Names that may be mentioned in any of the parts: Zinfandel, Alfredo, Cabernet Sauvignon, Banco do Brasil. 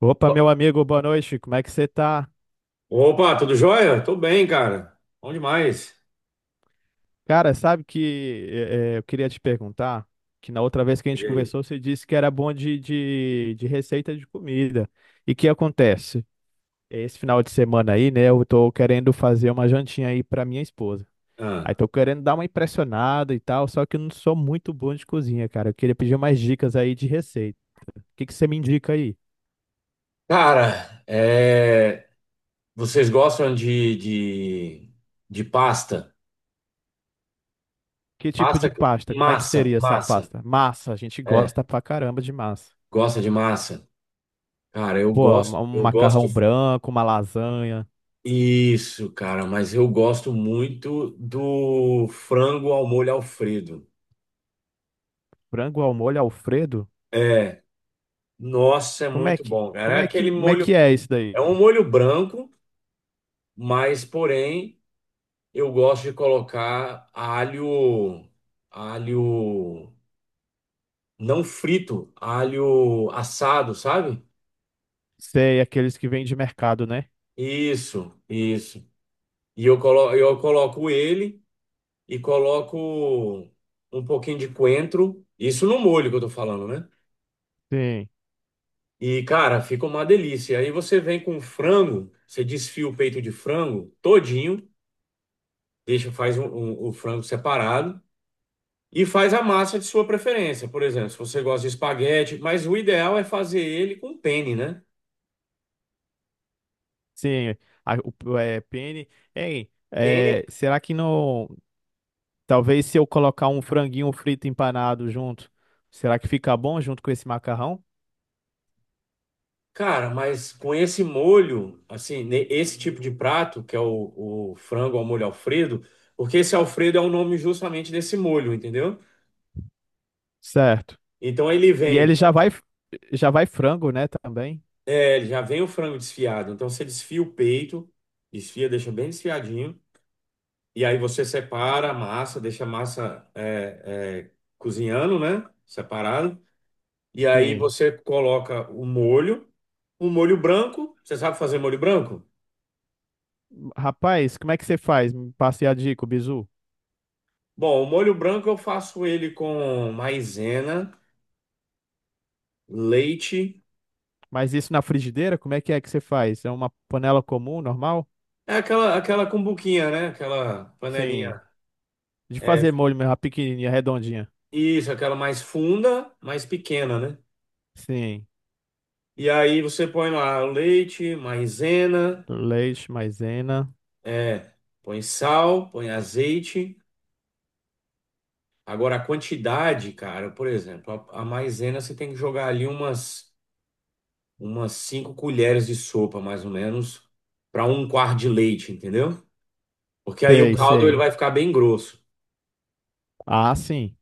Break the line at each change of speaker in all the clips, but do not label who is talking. Opa, meu amigo, boa noite, como é que você tá?
Opa, tudo jóia? Tô bem, cara. Bom demais.
Cara, sabe que eu queria te perguntar, que na outra vez que a gente
Diga aí.
conversou, você disse que era bom de receita de comida. E que acontece? Esse final de semana aí, né, eu tô querendo fazer uma jantinha aí pra minha esposa. Aí
Ah.
tô querendo dar uma impressionada e tal, só que eu não sou muito bom de cozinha, cara. Eu queria pedir umas dicas aí de receita. O que que você me indica aí?
Cara, é, vocês gostam de pasta?
Que tipo
Pasta,
de
que-
pasta? Como é que
massa,
seria essa
massa.
pasta? Massa, a gente
É,
gosta pra caramba de massa.
gosta de massa? Cara,
Pô, um
eu gosto.
macarrão branco, uma lasanha,
Isso, cara, mas eu gosto muito do frango ao molho Alfredo.
frango ao molho Alfredo?
É, nossa, é
Como é
muito
que,
bom, cara.
como
É
é
aquele
que, como é que
molho,
é isso daí?
é um molho branco, mas porém eu gosto de colocar alho, alho não frito, alho assado, sabe?
Sei, aqueles que vêm de mercado, né?
Isso, isso. E eu coloco ele e coloco um pouquinho de coentro, isso no molho que eu tô falando, né?
Sim,
E cara, fica uma delícia. Aí você vem com frango, você desfia o peito de frango todinho, deixa o frango separado. E faz a massa de sua preferência, por exemplo, se você gosta de espaguete, mas o ideal é fazer ele com penne, né?
sim. A- o, é, pene. Ei,
Penne,
é, será que não. Talvez se eu colocar um franguinho frito empanado junto, será que fica bom junto com esse macarrão?
cara, mas com esse molho, assim, esse tipo de prato, que é o frango ao molho Alfredo, porque esse Alfredo é o nome justamente desse molho, entendeu?
Certo.
Então ele
E
vem,
ele
com-
já vai frango, né, também?
é, ele já vem o frango desfiado, então você desfia o peito, desfia, deixa bem desfiadinho, e aí você separa a massa, deixa a massa cozinhando, né? Separado. E aí
Sim.
você coloca o molho, um molho branco. Você sabe fazer molho branco?
Rapaz, como é que você faz? Me passe a dica, o bizu.
Bom, o molho branco eu faço ele com maisena, leite,
Mas isso na frigideira, como é que você faz? É uma panela comum, normal?
é aquela cumbuquinha, né? Aquela
Sim.
panelinha.
De
É,
fazer molho mesmo, a pequenininha, redondinha.
isso, aquela mais funda, mais pequena, né?
Sim.
E aí você põe lá o leite, maisena,
Leite, maisena.
é, põe sal, põe azeite. Agora a quantidade, cara, por exemplo, a maisena você tem que jogar ali umas cinco colheres de sopa, mais ou menos, para um quarto de leite, entendeu? Porque aí o
Sei,
caldo ele uhum
sei.
vai ficar bem grosso,
Ah, sim.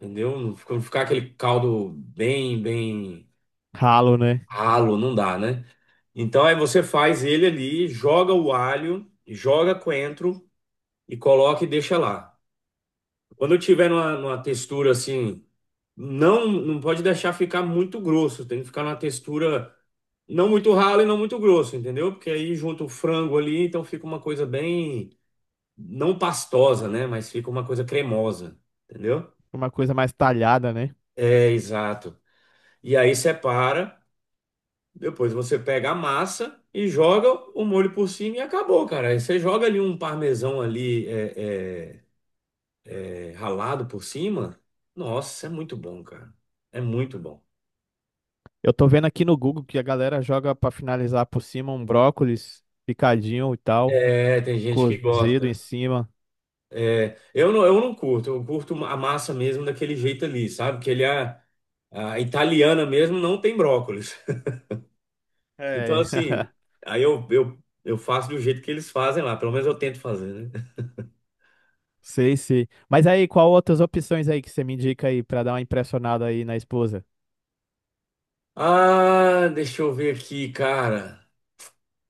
entendeu? Não ficar aquele caldo bem
Ralo, né?
ralo, não dá, né? Então aí você faz ele ali, joga o alho, joga coentro e coloca e deixa lá. Quando tiver numa textura assim, não pode deixar ficar muito grosso, tem que ficar numa textura não muito ralo e não muito grosso, entendeu? Porque aí junta o frango ali, então fica uma coisa bem não pastosa, né? Mas fica uma coisa cremosa, entendeu?
Uma coisa mais talhada, né?
É, exato. E aí separa, depois você pega a massa e joga o molho por cima e acabou, cara. Aí você joga ali um parmesão ali é, ralado por cima. Nossa, é muito bom, cara. É muito bom.
Eu tô vendo aqui no Google que a galera joga pra finalizar por cima um brócolis picadinho e tal,
É, tem gente que
cozido em
gosta.
cima.
É, eu não curto, eu curto a massa mesmo daquele jeito ali, sabe? Que ele é, a italiana mesmo não tem brócolis. Então,
É.
assim, aí eu, eu, eu faço do jeito que eles fazem lá, pelo menos eu tento fazer, né?
Sei, sei. Mas aí, qual outras opções aí que você me indica aí pra dar uma impressionada aí na esposa?
Ah, deixa eu ver aqui, cara.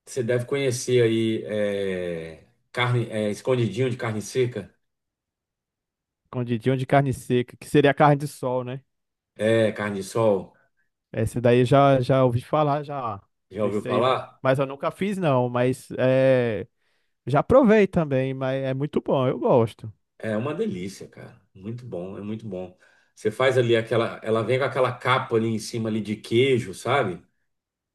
Você deve conhecer aí, é, carne, é, escondidinho de carne seca,
Escondidinho de carne seca, que seria carne de sol, né?
é, carne de sol.
Esse daí já já ouvi falar, já.
Já ouviu
Esse aí,
falar?
mas eu nunca fiz não, mas é, já provei também, mas é muito bom, eu gosto.
É uma delícia, cara. Muito bom, é muito bom. Você faz ali aquela, ela vem com aquela capa ali em cima ali de queijo, sabe?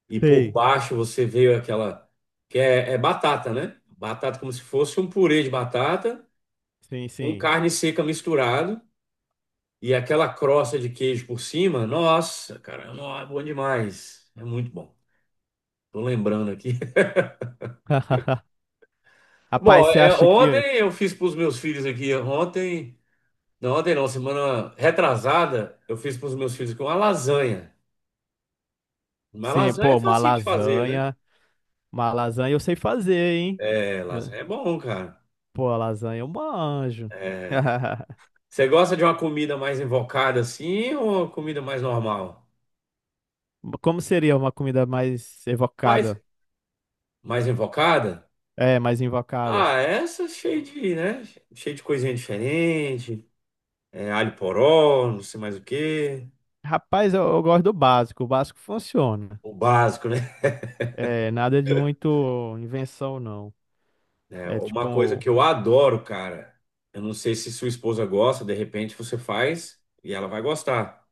E por
Sei.
baixo você vê aquela, que é é batata, né? Batata como se fosse um purê de batata,
Sim,
com
sim.
carne seca misturado e aquela crosta de queijo por cima. Nossa, cara, nó, é bom demais. É muito bom. Tô lembrando aqui.
Rapaz,
Bom,
você
é,
acha que
ontem eu fiz para os meus filhos aqui. Ontem não, semana retrasada, eu fiz para os meus filhos aqui uma lasanha. Uma
sim,
lasanha é
pô,
facinho de fazer, né?
uma lasanha eu sei fazer, hein?
É,
Eu-
lasanha é bom, cara.
Pô, a lasanha eu manjo.
Você gosta de uma comida mais invocada assim ou uma comida mais normal?
Como seria uma comida mais
Mais,
evocada?
mais invocada?
É, mais invocada.
Ah, essa é cheia de, né? Cheia de coisinha diferente. É, alho poró, não sei mais o quê.
Rapaz, eu gosto do básico, o básico funciona.
O básico, né?
É, nada de muito invenção, não.
É,
É
uma coisa
tipo,
que eu adoro, cara. Eu não sei se sua esposa gosta, de repente você faz e ela vai gostar.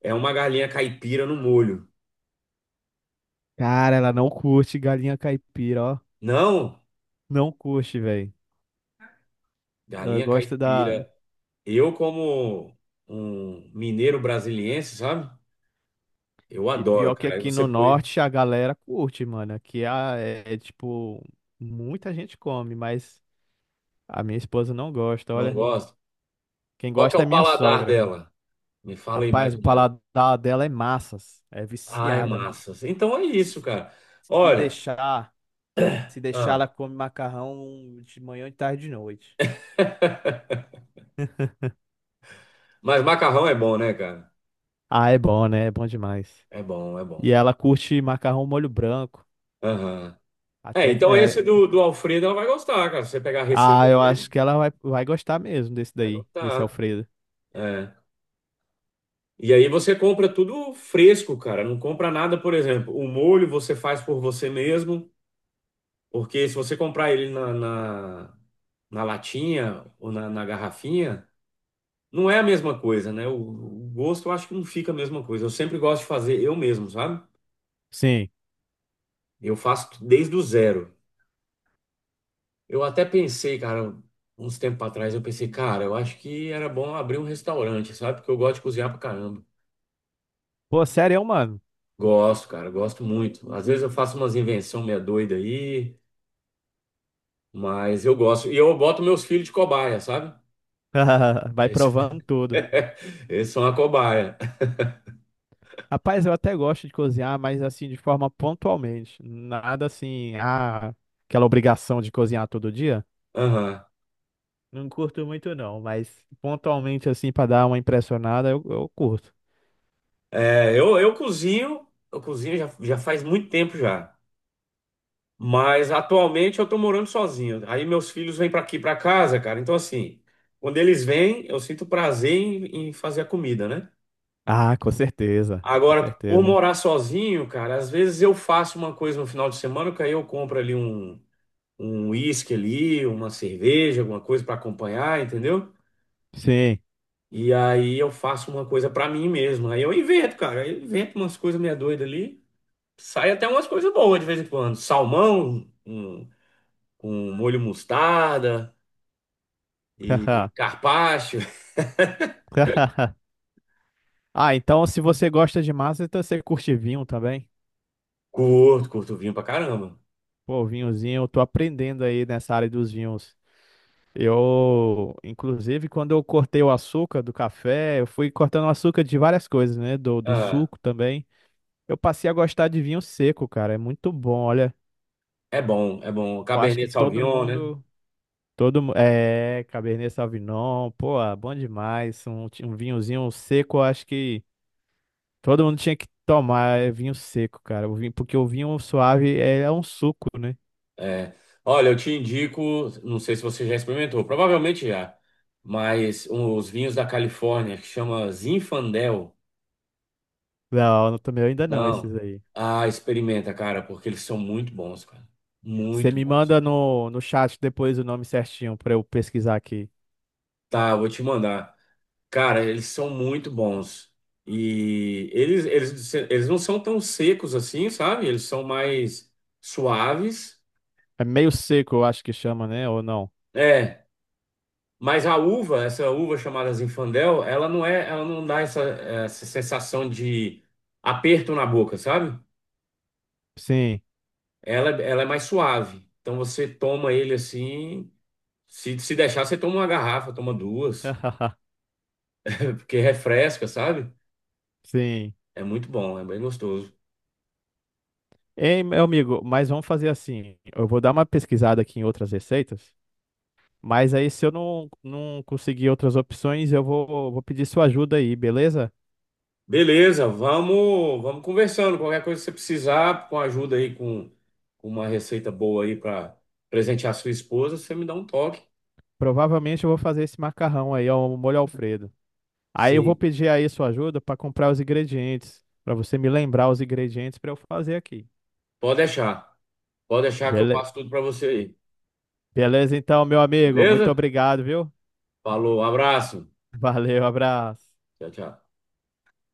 É uma galinha caipira no molho.
cara, ela não curte galinha caipira, ó.
Não,
Não curte, velho. Ela
galinha
gosta da.
caipira. Eu, como um mineiro brasiliense, sabe? Eu
E
adoro,
pior que
cara. Aí
aqui
você
no
põe,
norte a galera curte, mano. Aqui a- é, é, tipo, muita gente come, mas a minha esposa não gosta,
não
olha.
gosta.
Quem
Qual que é
gosta é
o
minha
paladar
sogra.
dela? Me fala aí
Rapaz,
mais
o
ou menos.
paladar dela é massas. É
Ai,
viciada, mano.
massas. Então é isso,
Se
cara.
se
Olha,
deixar, se deixar,
ah,
ela come macarrão de manhã, de tarde e de noite.
mas macarrão é bom, né, cara?
Ah, é bom, né? É bom demais.
É bom, é bom.
E ela curte macarrão molho branco.
Aham. É,
Até que.
então
É,
esse do Alfredo ela vai gostar, cara. Se você pegar a
Ah,
receita
eu acho
dele,
que ela vai, vai gostar mesmo desse
vai
daí, desse
gostar.
Alfredo.
É. E aí você compra tudo fresco, cara. Não compra nada, por exemplo, o molho você faz por você mesmo, porque se você comprar ele na latinha ou na garrafinha, não é a mesma coisa, né? O gosto eu acho que não fica a mesma coisa. Eu sempre gosto de fazer eu mesmo, sabe?
Sim.
Eu faço desde o zero. Eu até pensei, cara, uns tempos atrás, eu pensei, cara, eu acho que era bom abrir um restaurante, sabe? Porque eu gosto de cozinhar pra caramba.
Pô, sério, mano.
Gosto, cara, gosto muito. Às vezes eu faço umas invenções meia doida aí, mas eu gosto. E eu boto meus filhos de cobaia, sabe?
Vai
Eles,
provando tudo.
eles são a cobaia.
Rapaz, eu até gosto de cozinhar, mas assim, de forma pontualmente. Nada assim, ah, aquela obrigação de cozinhar todo dia.
Aham.
Não curto muito, não, mas pontualmente, assim, pra dar uma impressionada, eu curto.
É, eu cozinho já faz muito tempo já. Mas atualmente eu tô morando sozinho. Aí meus filhos vêm para aqui para casa, cara. Então assim, quando eles vêm, eu sinto prazer em fazer a comida, né?
Ah, com certeza, com
Agora, por
certeza.
morar sozinho, cara, às vezes eu faço uma coisa no final de semana, que aí eu compro ali um uísque ali, uma cerveja, alguma coisa para acompanhar, entendeu?
Sim.
E aí eu faço uma coisa para mim mesmo. Aí eu invento, cara. Eu invento umas coisas meia doidas ali. Sai até umas coisas boas de vez em quando. Salmão, um, com molho mostarda. E carpaccio,
Ah, então se você gosta de massa, então você curte vinho também?
curto, curto vinho pra caramba.
Pô, vinhozinho, eu tô aprendendo aí nessa área dos vinhos. Eu, inclusive, quando eu cortei o açúcar do café, eu fui cortando o açúcar de várias coisas, né? Do
Ah,
suco também. Eu passei a gostar de vinho seco, cara. É muito bom, olha.
é bom, é bom.
Eu acho que
Cabernet
todo
Sauvignon, né?
mundo, todo, mu- é, Cabernet Sauvignon, pô, ah, bom demais. Um, ti- um vinhozinho seco, eu acho que todo mundo tinha que tomar é, vinho seco, cara. O vinho, porque o vinho suave é, é um suco, né?
É. Olha, eu te indico, não sei se você já experimentou, provavelmente já, mas os vinhos da Califórnia, que chama Zinfandel,
Não, no meu ainda não,
não.
esses aí.
Ah, experimenta, cara, porque eles são muito bons, cara.
Você
Muito
me
bons.
manda no chat depois o nome certinho pra eu pesquisar aqui.
Tá, eu vou te mandar. Cara, eles são muito bons. E eles não são tão secos assim, sabe? Eles são mais suaves.
É meio seco, eu acho que chama, né? Ou não?
É, mas a uva, essa uva chamada Zinfandel, ela não dá essa sensação de aperto na boca, sabe?
Sim.
Ela é mais suave. Então você toma ele assim, se deixar, você toma uma garrafa, toma duas, porque refresca, sabe?
Sim.
É muito bom, é bem gostoso.
Ei, meu amigo, mas vamos fazer assim. Eu vou dar uma pesquisada aqui em outras receitas, mas aí se eu não, não conseguir outras opções, eu vou, vou pedir sua ajuda aí, beleza?
Beleza, vamos conversando. Qualquer coisa que você precisar, com ajuda aí, com uma receita boa aí para presentear sua esposa, você me dá um toque.
Provavelmente eu vou fazer esse macarrão aí, ó, o molho Alfredo. Aí eu vou
Sim,
pedir aí sua ajuda para comprar os ingredientes, para você me lembrar os ingredientes para eu fazer aqui.
pode deixar. Pode deixar que eu
Bele-
passo tudo para você aí.
Beleza, então, meu amigo. Muito
Beleza?
obrigado, viu?
Falou, abraço.
Valeu, abraço.
Tchau, tchau.